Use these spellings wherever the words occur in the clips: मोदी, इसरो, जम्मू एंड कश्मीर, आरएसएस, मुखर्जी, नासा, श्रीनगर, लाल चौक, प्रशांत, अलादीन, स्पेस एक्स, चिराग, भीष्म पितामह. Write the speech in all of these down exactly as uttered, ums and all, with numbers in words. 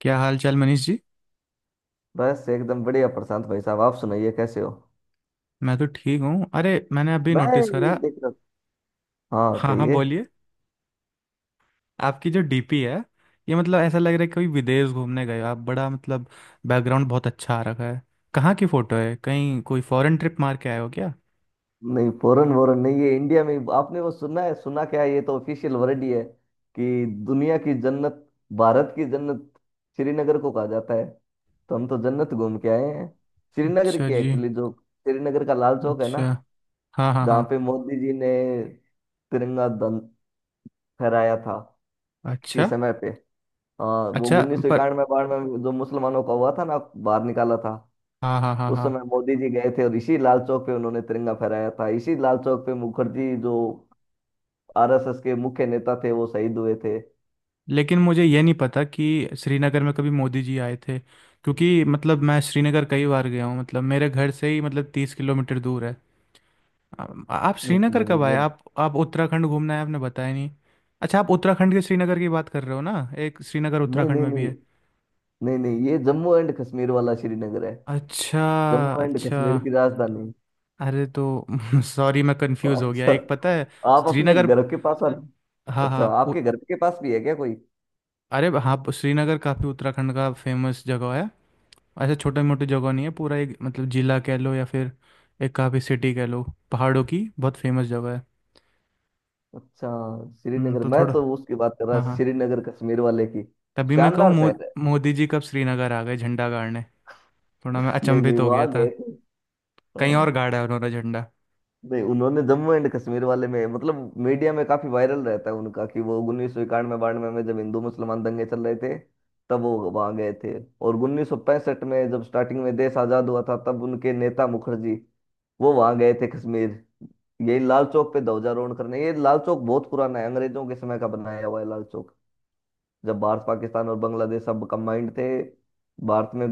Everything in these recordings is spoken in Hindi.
क्या हाल चाल मनीष जी। बस एकदम बढ़िया प्रशांत भाई साहब, आप सुनाइए कैसे हो। मैं तो ठीक हूँ। अरे मैंने अभी मैं नोटिस ये करा। देख रहा था। हाँ, हाँ हाँ कहिए। बोलिए। आपकी जो डीपी है, ये मतलब ऐसा लग रहा है कोई विदेश घूमने गए हो आप। बड़ा मतलब बैकग्राउंड बहुत अच्छा आ रखा है। कहाँ की फ़ोटो है? कहीं कोई फॉरेन ट्रिप मार के आए हो क्या? नहीं, फॉरेन वॉरेन नहीं, ये इंडिया में ही- आपने वो सुना है, सुना क्या है, ये तो ऑफिशियल वर्ड ही है कि दुनिया की जन्नत, भारत की जन्नत श्रीनगर को कहा जाता है। तो हम तो जन्नत घूम के आए हैं, श्रीनगर अच्छा की। जी। एक्चुअली जो श्रीनगर का लाल चौक है अच्छा। ना, हाँ हाँ जहाँ हाँ। पे मोदी जी ने तिरंगा दं फहराया था किसी अच्छा। समय पे। हाँ, वो अच्छा। उन्नीस सौ पर इक्यानवे बाढ़ में जो मुसलमानों का हुआ था ना, बाहर निकाला था। हाँ हाँ हाँ उस हाँ। समय मोदी जी गए थे और इसी लाल चौक पे उन्होंने तिरंगा फहराया था। इसी लाल चौक पे मुखर्जी, जो आरएसएस के मुख्य नेता थे, वो शहीद हुए थे। लेकिन मुझे ये नहीं पता कि श्रीनगर में कभी मोदी जी आए थे, क्योंकि मतलब मैं श्रीनगर कई बार गया हूँ, मतलब मेरे घर से ही मतलब तीस किलोमीटर दूर है। आ- आप नहीं श्रीनगर नहीं नहीं, कब आए वो आप? आप उत्तराखंड घूमना है, आपने बताया नहीं। अच्छा, आप उत्तराखंड के श्रीनगर की बात कर रहे हो ना? एक श्रीनगर नहीं उत्तराखंड नहीं में भी नहीं है। नहीं नहीं, ये जम्मू एंड कश्मीर वाला श्रीनगर है, अच्छा। जम्मू एंड अच्छा। कश्मीर की राजधानी। अरे तो सॉरी, मैं कंफ्यूज हो गया। अच्छा, एक पता है आप अपने श्रीनगर। घर के पास आ-। हाँ अच्छा, हाँ आपके पु- घर के पास भी है क्या कोई। अरे हाँ पु- श्रीनगर काफ़ी उत्तराखंड का फेमस जगह है। ऐसे छोटे मोटे जगह नहीं है, पूरा एक मतलब जिला कह लो या फिर एक काफ़ी सिटी कह लो। पहाड़ों की बहुत फेमस जगह है। अच्छा, हम्म, श्रीनगर तो मैं थोड़ा तो उसकी बात कर रहा, हाँ हाँ श्रीनगर कश्मीर वाले की। तभी मैं कहूँ शानदार मो, शहर है। मोदी जी कब श्रीनगर आ गए झंडा गाड़ने? थोड़ा मैं नहीं नहीं, अचंभित हो वहां गया था। गए थे। कहीं और हाँ। गाड़ा है उन्होंने झंडा। नहीं, उन्होंने जम्मू एंड कश्मीर वाले में, मतलब मीडिया में काफी वायरल रहता है उनका कि वो उन्नीस सौ इक्यानवे बानवे में जब हिंदू मुसलमान दंगे चल रहे थे, तब वो वहां गए थे। और उन्नीस सौ पैंसठ में जब स्टार्टिंग में देश आजाद हुआ था, तब उनके नेता मुखर्जी वो वहां गए थे कश्मीर, यही लाल चौक पे ध्वजारोहण करने। ये लाल चौक बहुत पुराना है, अंग्रेजों के समय का बनाया हुआ है लाल चौक। जब भारत पाकिस्तान और बांग्लादेश सब कंबाइंड थे भारत में,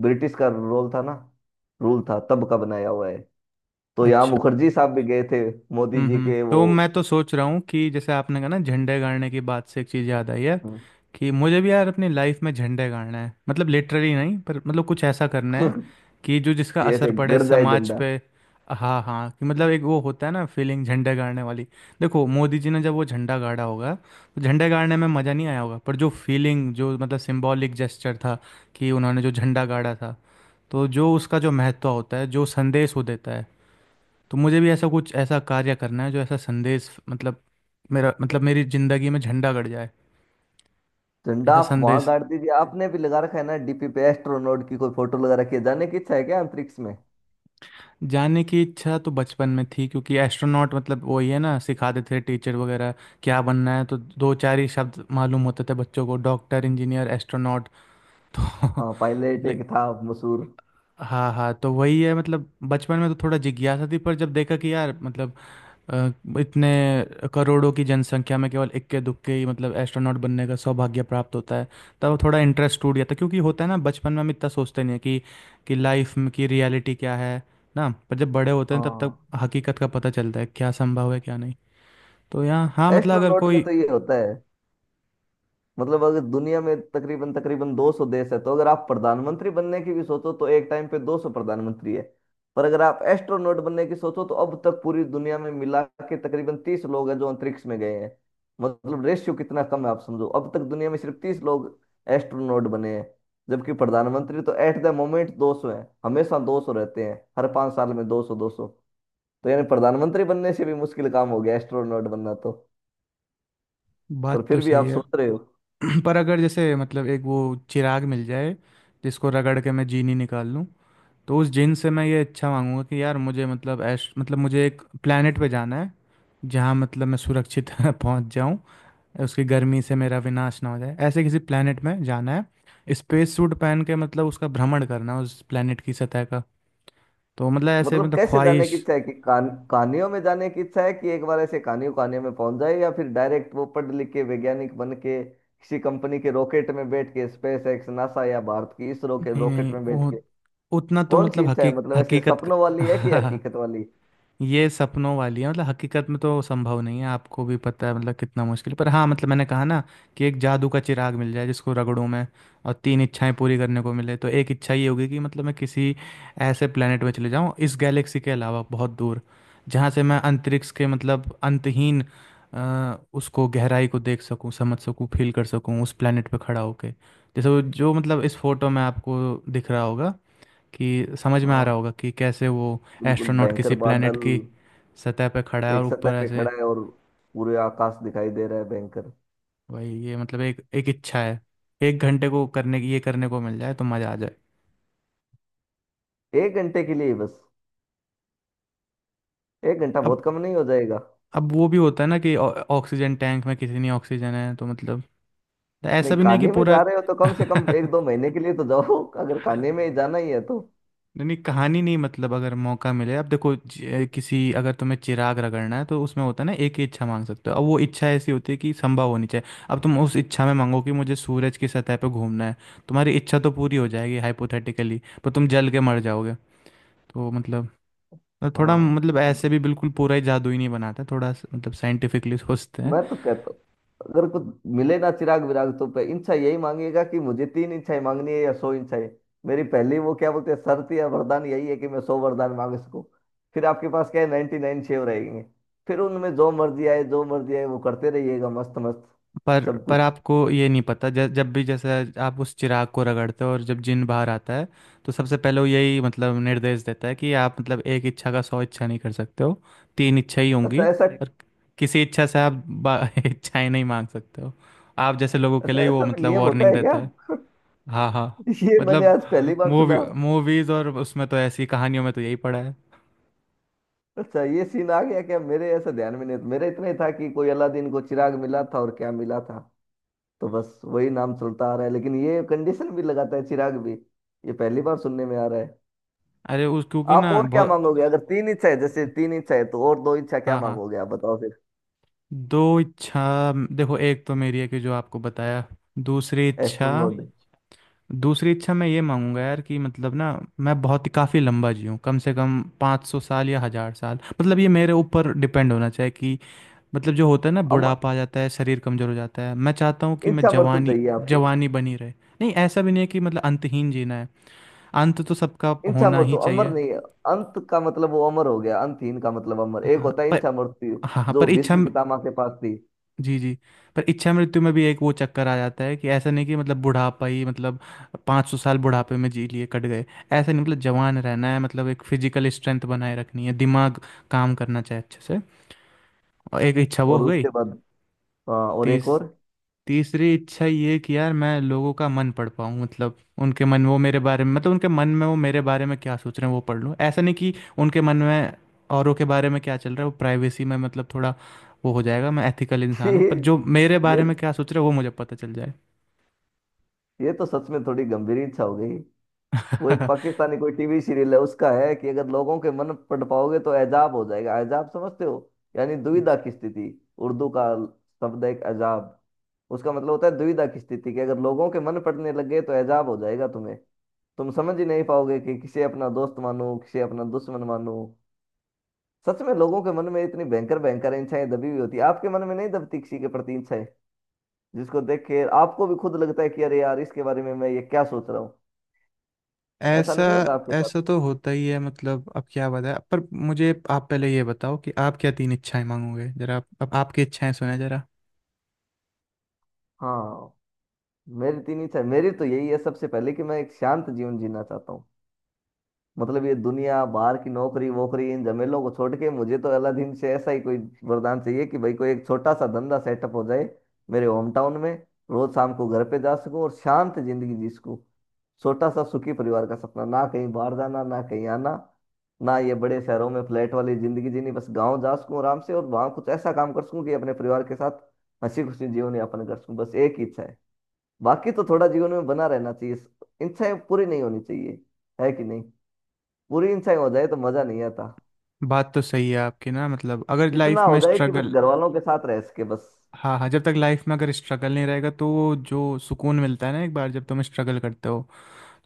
ब्रिटिश का रोल था ना, रूल था, तब का बनाया हुआ है। तो यहाँ अच्छा। मुखर्जी साहब भी गए थे मोदी हम्म जी हम्म, के वो। तो मैं तो सोच रहा हूँ कि जैसे आपने कहा ना झंडे गाड़ने की बात से एक चीज़ याद आई है कि मुझे भी यार अपनी लाइफ में झंडे गाड़ना है, मतलब लिटरली नहीं, पर मतलब कुछ ऐसा करना है कि कि जो जिसका ऐसे असर पड़े गड़ जाए समाज झंडा। पे। हाँ हाँ कि मतलब एक वो होता है ना फीलिंग झंडे गाड़ने वाली। देखो, मोदी जी ने जब वो झंडा गाड़ा होगा तो झंडे गाड़ने में मज़ा नहीं आया होगा, पर जो फीलिंग, जो मतलब सिंबॉलिक जेस्चर था कि उन्होंने जो झंडा गाड़ा था, तो जो उसका जो महत्व होता है, जो संदेश वो देता है, तो मुझे भी ऐसा कुछ ऐसा कार्य करना है जो ऐसा संदेश, मतलब मेरा मतलब मेरी ज़िंदगी में झंडा गड़ जाए, झंडा ऐसा आप वहां संदेश। गाड़ दीजिए। आपने भी लगा रखा है ना डीपी पे, एस्ट्रोनॉट की कोई फोटो लगा रखी है, जाने की इच्छा है क्या अंतरिक्ष में? जानने की इच्छा तो बचपन में थी, क्योंकि एस्ट्रोनॉट मतलब वही है ना सिखाते थे टीचर वगैरह क्या बनना है, तो दो चार ही शब्द मालूम होते थे बच्चों को, डॉक्टर इंजीनियर एस्ट्रोनॉट। तो हाँ, पायलट ले एक था मशहूर। हाँ हाँ, तो वही है, मतलब बचपन में तो थोड़ा जिज्ञासा थी, पर जब देखा कि यार मतलब अ, इतने करोड़ों की जनसंख्या में केवल इक्के दुक्के ही मतलब एस्ट्रोनॉट बनने का सौभाग्य प्राप्त होता है, तब थोड़ा इंटरेस्ट टूट गया था, क्योंकि होता है ना बचपन में हम इतना सोचते नहीं है कि कि लाइफ में की रियलिटी क्या है ना, पर जब बड़े होते हैं तब तक हाँ, हकीकत का पता चलता है क्या संभव है क्या नहीं। तो यहाँ हाँ मतलब अगर एस्ट्रोनॉट में कोई तो ये होता है, मतलब अगर दुनिया में तकरीबन तकरीबन दो सौ देश है, तो अगर आप प्रधानमंत्री बनने की भी सोचो तो एक टाइम पे दो सौ प्रधानमंत्री है। पर अगर आप एस्ट्रोनॉट बनने की सोचो तो अब तक पूरी दुनिया में मिला के तकरीबन तीस लोग हैं जो अंतरिक्ष में गए हैं। मतलब रेशियो कितना कम है आप समझो, अब तक दुनिया में सिर्फ तीस लोग एस्ट्रोनॉट बने हैं, जबकि प्रधानमंत्री तो एट द मोमेंट दो सौ हैं। हमेशा दो सौ रहते हैं, हर पांच साल में दो सौ दो सौ। तो यानी प्रधानमंत्री बनने से भी मुश्किल काम हो गया एस्ट्रोनॉट बनना तो। पर बात तो फिर भी सही आप है। सोच रहे हो। पर अगर जैसे मतलब एक वो चिराग मिल जाए जिसको रगड़ के मैं जीनी निकाल लूँ, तो उस जिन से मैं ये इच्छा मांगूंगा कि यार मुझे मतलब ऐश मतलब मुझे एक प्लेनेट पे जाना है जहाँ मतलब मैं सुरक्षित पहुँच जाऊँ, उसकी गर्मी से मेरा विनाश ना हो जाए, ऐसे किसी प्लेनेट में जाना है, स्पेस सूट पहन के मतलब उसका भ्रमण करना है उस प्लेनेट की सतह का। तो मतलब ऐसे मतलब मतलब कैसे जाने ख्वाहिश। की इच्छा है, कि कान कहानियों में जाने की इच्छा है, कि एक बार ऐसे कहानियों कहानियों में पहुंच जाए, या फिर डायरेक्ट वो पढ़ लिख के वैज्ञानिक बन के किसी कंपनी के रॉकेट में बैठ के, स्पेस एक्स, नासा या भारत की इसरो के नहीं रॉकेट नहीं, में बैठ वो के? उतना तो कौन सी मतलब इच्छा है, हकीक मतलब ऐसे हकीकत। सपनों वाली है कि हकीकत वाली? ये सपनों वाली है, मतलब हकीकत में तो संभव नहीं है आपको भी पता है मतलब कितना मुश्किल, पर हाँ मतलब मैंने कहा ना कि एक जादू का चिराग मिल जाए जिसको रगड़ूं मैं और तीन इच्छाएं पूरी करने को मिले तो एक इच्छा ये होगी कि मतलब मैं किसी ऐसे प्लेनेट में चले जाऊं इस गैलेक्सी के अलावा बहुत दूर, जहाँ से मैं अंतरिक्ष के मतलब अंतहीन अ, उसको गहराई को देख सकूं समझ सकूं फील कर सकूं उस प्लेनेट पे खड़ा होके, जैसे वो जो मतलब इस फोटो में आपको दिख रहा होगा कि समझ में आ रहा हाँ, होगा कि कैसे वो बिल्कुल एस्ट्रोनॉट किसी भयंकर प्लेनेट बादल। की सतह पे खड़ा है और एक सतह ऊपर पे ऐसे। खड़ा है और पूरे आकाश दिखाई दे रहा है भयंकर। भाई, ये मतलब एक एक इच्छा है, एक घंटे को करने की, ये करने को मिल जाए तो मज़ा आ जाए। एक घंटे के लिए ही बस? एक घंटा बहुत अब कम नहीं हो जाएगा? अब वो भी होता है ना कि ऑ- ऑक्सीजन टैंक में किसी नहीं ऑक्सीजन है तो मतलब नहीं, ऐसा भी नहीं है कि कहानी में पूरा। जा रहे हो तो कम से कम एक दो महीने के लिए तो जाओ अगर कहानी में ही जाना ही है तो। नहीं नहीं कहानी नहीं, मतलब अगर मौका मिले। अब देखो ज- किसी अगर तुम्हें चिराग रगड़ना है तो उसमें होता है ना एक ही इच्छा मांग सकते हो, अब वो इच्छा ऐसी होती है कि संभव होनी चाहिए। अब तुम उस इच्छा में मांगो कि मुझे सूरज की सतह पे घूमना है, तुम्हारी इच्छा तो पूरी हो जाएगी हाइपोथेटिकली, पर तुम जल के मर जाओगे। तो मतलब थोड़ा हाँ, मतलब ऐसे भी बिल्कुल पूरा ही जादुई नहीं बनाते, थोड़ा स- मतलब साइंटिफिकली सोचते हैं। मैं तो कहता हूँ अगर कुछ मिले ना चिराग विराग तो पे इच्छा यही मांगिएगा कि मुझे तीन इच्छाएं मांगनी है या सौ इच्छाएं। मेरी पहली वो क्या बोलते हैं, शर्त या वरदान, यही है कि मैं सौ वरदान मांग सकूं। फिर आपके पास क्या है, नाइन्टी नाइन शेव रहेंगे। फिर उनमें जो मर्जी आए, जो मर्जी आए वो करते रहिएगा मस्त मस्त, पर सब पर कुछ। आपको ये नहीं पता, जब जब भी जैसे आप उस चिराग को रगड़ते हो और जब जिन बाहर आता है, तो सबसे पहले वो यही मतलब निर्देश देता है कि आप मतलब एक इच्छा का सौ इच्छा नहीं कर सकते हो, तीन इच्छा ही अच्छा, होंगी। ऐसा? और किसी इच्छा से आप बा- इच्छाएं नहीं मांग सकते हो, आप जैसे लोगों के अच्छा, लिए वो ऐसा भी मतलब नियम होता वार्निंग है क्या? देता है। हाँ हाँ ये मैंने मतलब आज पहली बार मूवी सुना। मूवीज और उसमें तो ऐसी कहानियों में तो यही पड़ा है। अच्छा, ये सीन आ गया क्या, मेरे ऐसा ध्यान में नहीं था। मेरा इतना ही था कि कोई अलादीन को चिराग मिला था, और क्या मिला था, तो बस वही नाम चलता आ रहा है। लेकिन ये कंडीशन भी लगाता है चिराग भी, ये पहली बार सुनने में आ रहा है। अरे उस क्योंकि आप ना और क्या बहुत। मांगोगे अगर तीन इच्छा है? जैसे तीन इच्छा है तो और दो इच्छा क्या हाँ हाँ मांगोगे आप बताओ फिर। दो इच्छा देखो, एक तो मेरी है कि जो आपको बताया। दूसरी इच्छा एस्ट्रोनॉट। दूसरी इच्छा मैं ये मांगूंगा यार कि मतलब ना मैं बहुत ही काफ़ी लंबा जीऊँ, कम से कम पाँच सौ साल या हज़ार साल, मतलब ये मेरे ऊपर डिपेंड होना चाहिए कि मतलब जो होता है ना अमर, बुढ़ापा आ जाता है शरीर कमज़ोर हो जाता है मैं चाहता हूँ कि मैं इच्छा मृत्यु जवानी चाहिए आपको? जवानी बनी रहे। नहीं ऐसा भी नहीं है कि मतलब अंतहीन जीना है, अंत तो सबका इच्छा होना ही मृत्यु अमर चाहिए। नहीं है। अंत का मतलब वो अमर हो गया, अंतहीन का मतलब अमर। एक हाँ होता है पर इच्छा मृत्यु, हाँ हाँ जो पर इच्छा। भीष्म पितामह के पास थी। जी जी, पर इच्छा मृत्यु में भी एक वो चक्कर आ जाता है कि ऐसा नहीं कि मतलब बुढ़ापा ही मतलब पाँच सौ साल बुढ़ापे में जी लिए कट गए, ऐसा नहीं, मतलब जवान रहना है, मतलब एक फिजिकल स्ट्रेंथ बनाए रखनी है दिमाग काम करना चाहिए अच्छे से। और एक इच्छा वो और हो गई। उसके बाद? हाँ, और तीस एक और। तीसरी इच्छा ये कि यार मैं लोगों का मन पढ़ पाऊँ, मतलब उनके मन वो मेरे बारे में मतलब उनके मन में वो मेरे बारे में क्या सोच रहे हैं वो पढ़ लूँ, ऐसा नहीं कि उनके मन में औरों के बारे में क्या चल रहा है वो प्राइवेसी में मतलब थोड़ा वो हो जाएगा, मैं एथिकल इंसान हूँ, ये पर जो मेरे ये बारे में क्या सोच रहे हैं वो मुझे पता चल जाए। ये तो सच में थोड़ी गंभीर इच्छा हो गई। वो एक पाकिस्तानी कोई टीवी सीरियल है, उसका है कि अगर लोगों के मन पढ़ पाओगे तो एजाब हो जाएगा। एजाब समझते हो, यानी दुविधा की स्थिति। उर्दू का शब्द है एक, एजाब। उसका मतलब होता है दुविधा की स्थिति, कि अगर लोगों के मन पड़ने लग गए तो एजाब हो जाएगा तुम्हें। तुम समझ ही नहीं पाओगे कि किसे अपना दोस्त मानूं, किसे अपना दुश्मन मानूं। सच में लोगों के मन में इतनी भयंकर भयंकर इच्छाएं दबी हुई होती है। आपके मन में नहीं दबती किसी के प्रति इच्छाएं, जिसको देख के आपको भी खुद लगता है कि अरे यार, इसके बारे में मैं ये क्या सोच रहा हूँ। ऐसा ऐसा नहीं होता आपके साथ? ऐसा तो होता ही है मतलब अब क्या बताए, पर मुझे आप पहले ये बताओ कि आप क्या तीन इच्छाएं मांगोगे? जरा अब आपकी इच्छाएं सुने जरा। हाँ, मेरी तीन इच्छा, मेरी तो यही है सबसे पहले कि मैं एक शांत जीवन जीना चाहता हूँ। मतलब ये दुनिया बाहर की नौकरी वोकरी, इन झमेलों को छोड़ के मुझे तो अलादीन से ऐसा ही कोई वरदान चाहिए कि भाई कोई एक छोटा सा धंधा सेटअप हो जाए मेरे होम टाउन में, रोज शाम को घर पे जा सकूं और शांत जिंदगी जी सकूं। छोटा सा सुखी परिवार का सपना, ना कहीं बाहर जाना ना कहीं आना, ना ये बड़े शहरों में फ्लैट वाली जिंदगी जीनी, बस गांव जा सकूं आराम से और वहां कुछ ऐसा काम कर सकूं कि अपने परिवार के साथ हंसी खुशी जीवन यापन कर सकूं, बस एक ही इच्छा है। बाकी तो थोड़ा जीवन में बना रहना चाहिए, इच्छाएं पूरी नहीं होनी चाहिए, है कि नहीं। पूरी इच्छाएं हो जाए तो मजा नहीं आता। बात तो सही है आपकी ना मतलब अगर इतना लाइफ हो में जाए कि बस स्ट्रगल। घर वालों के साथ रह सके, बस। हाँ हाँ जब तक लाइफ में अगर स्ट्रगल नहीं रहेगा तो वो जो सुकून मिलता है ना एक बार जब तुम स्ट्रगल करते हो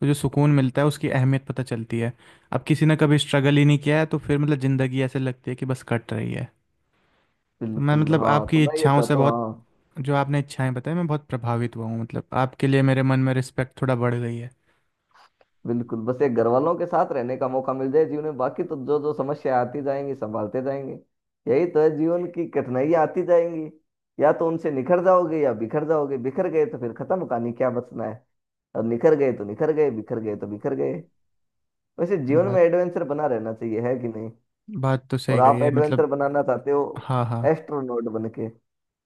तो जो सुकून मिलता है उसकी अहमियत पता चलती है। अब किसी ने कभी स्ट्रगल ही नहीं किया है तो फिर मतलब ज़िंदगी ऐसे लगती है कि बस कट रही है। तो मैं बिल्कुल, मतलब हाँ तो आपकी मैं ये इच्छाओं से चाहता हूँ, बहुत, हाँ। जो आपने इच्छाएं बताई, मैं बहुत प्रभावित हुआ हूँ, मतलब आपके लिए मेरे मन में रिस्पेक्ट थोड़ा बढ़ गई है। बिल्कुल, बस एक घर वालों के साथ रहने का मौका मिल जाए जीवन में, बाकी तो जो जो समस्या आती जाएंगी संभालते जाएंगे। यही तो है जीवन की, कठिनाइयां आती जाएंगी, या तो उनसे निखर जाओगे या बिखर जाओगे। बिखर गए तो फिर खत्म कहानी, क्या बचना है। और निखर गए तो निखर गए, बिखर गए तो बिखर गए। वैसे जीवन में बात एडवेंचर बना रहना चाहिए, है कि नहीं। बात तो और सही कही आप है मतलब। एडवेंचर बनाना चाहते हो हाँ हाँ। एस्ट्रोनॉट बन के।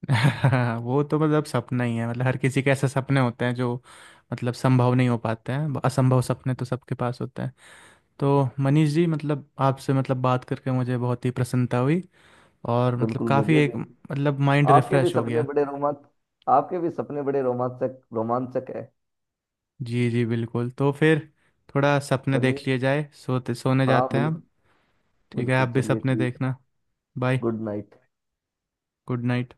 वो तो मतलब सपना ही है, मतलब हर किसी के ऐसे सपने होते हैं जो मतलब संभव नहीं हो पाते हैं, असंभव सपने तो सबके पास होते हैं। तो मनीष जी मतलब आपसे मतलब बात करके मुझे बहुत ही प्रसन्नता हुई, और मतलब बिल्कुल, काफ़ी मुझे भी। एक मतलब माइंड आपके भी रिफ़्रेश हो सपने गया। बड़े रोमांच आपके भी सपने बड़े रोमांचक रोमांचक है। जी जी बिल्कुल। तो फिर थोड़ा सपने चलिए, देख लिए जाए, सोते सोने हाँ जाते हैं अब। बिल्कुल। ठीक है, आप बिल्कुल, भी चलिए सपने ठीक है। देखना। Bye. Good night. Good night.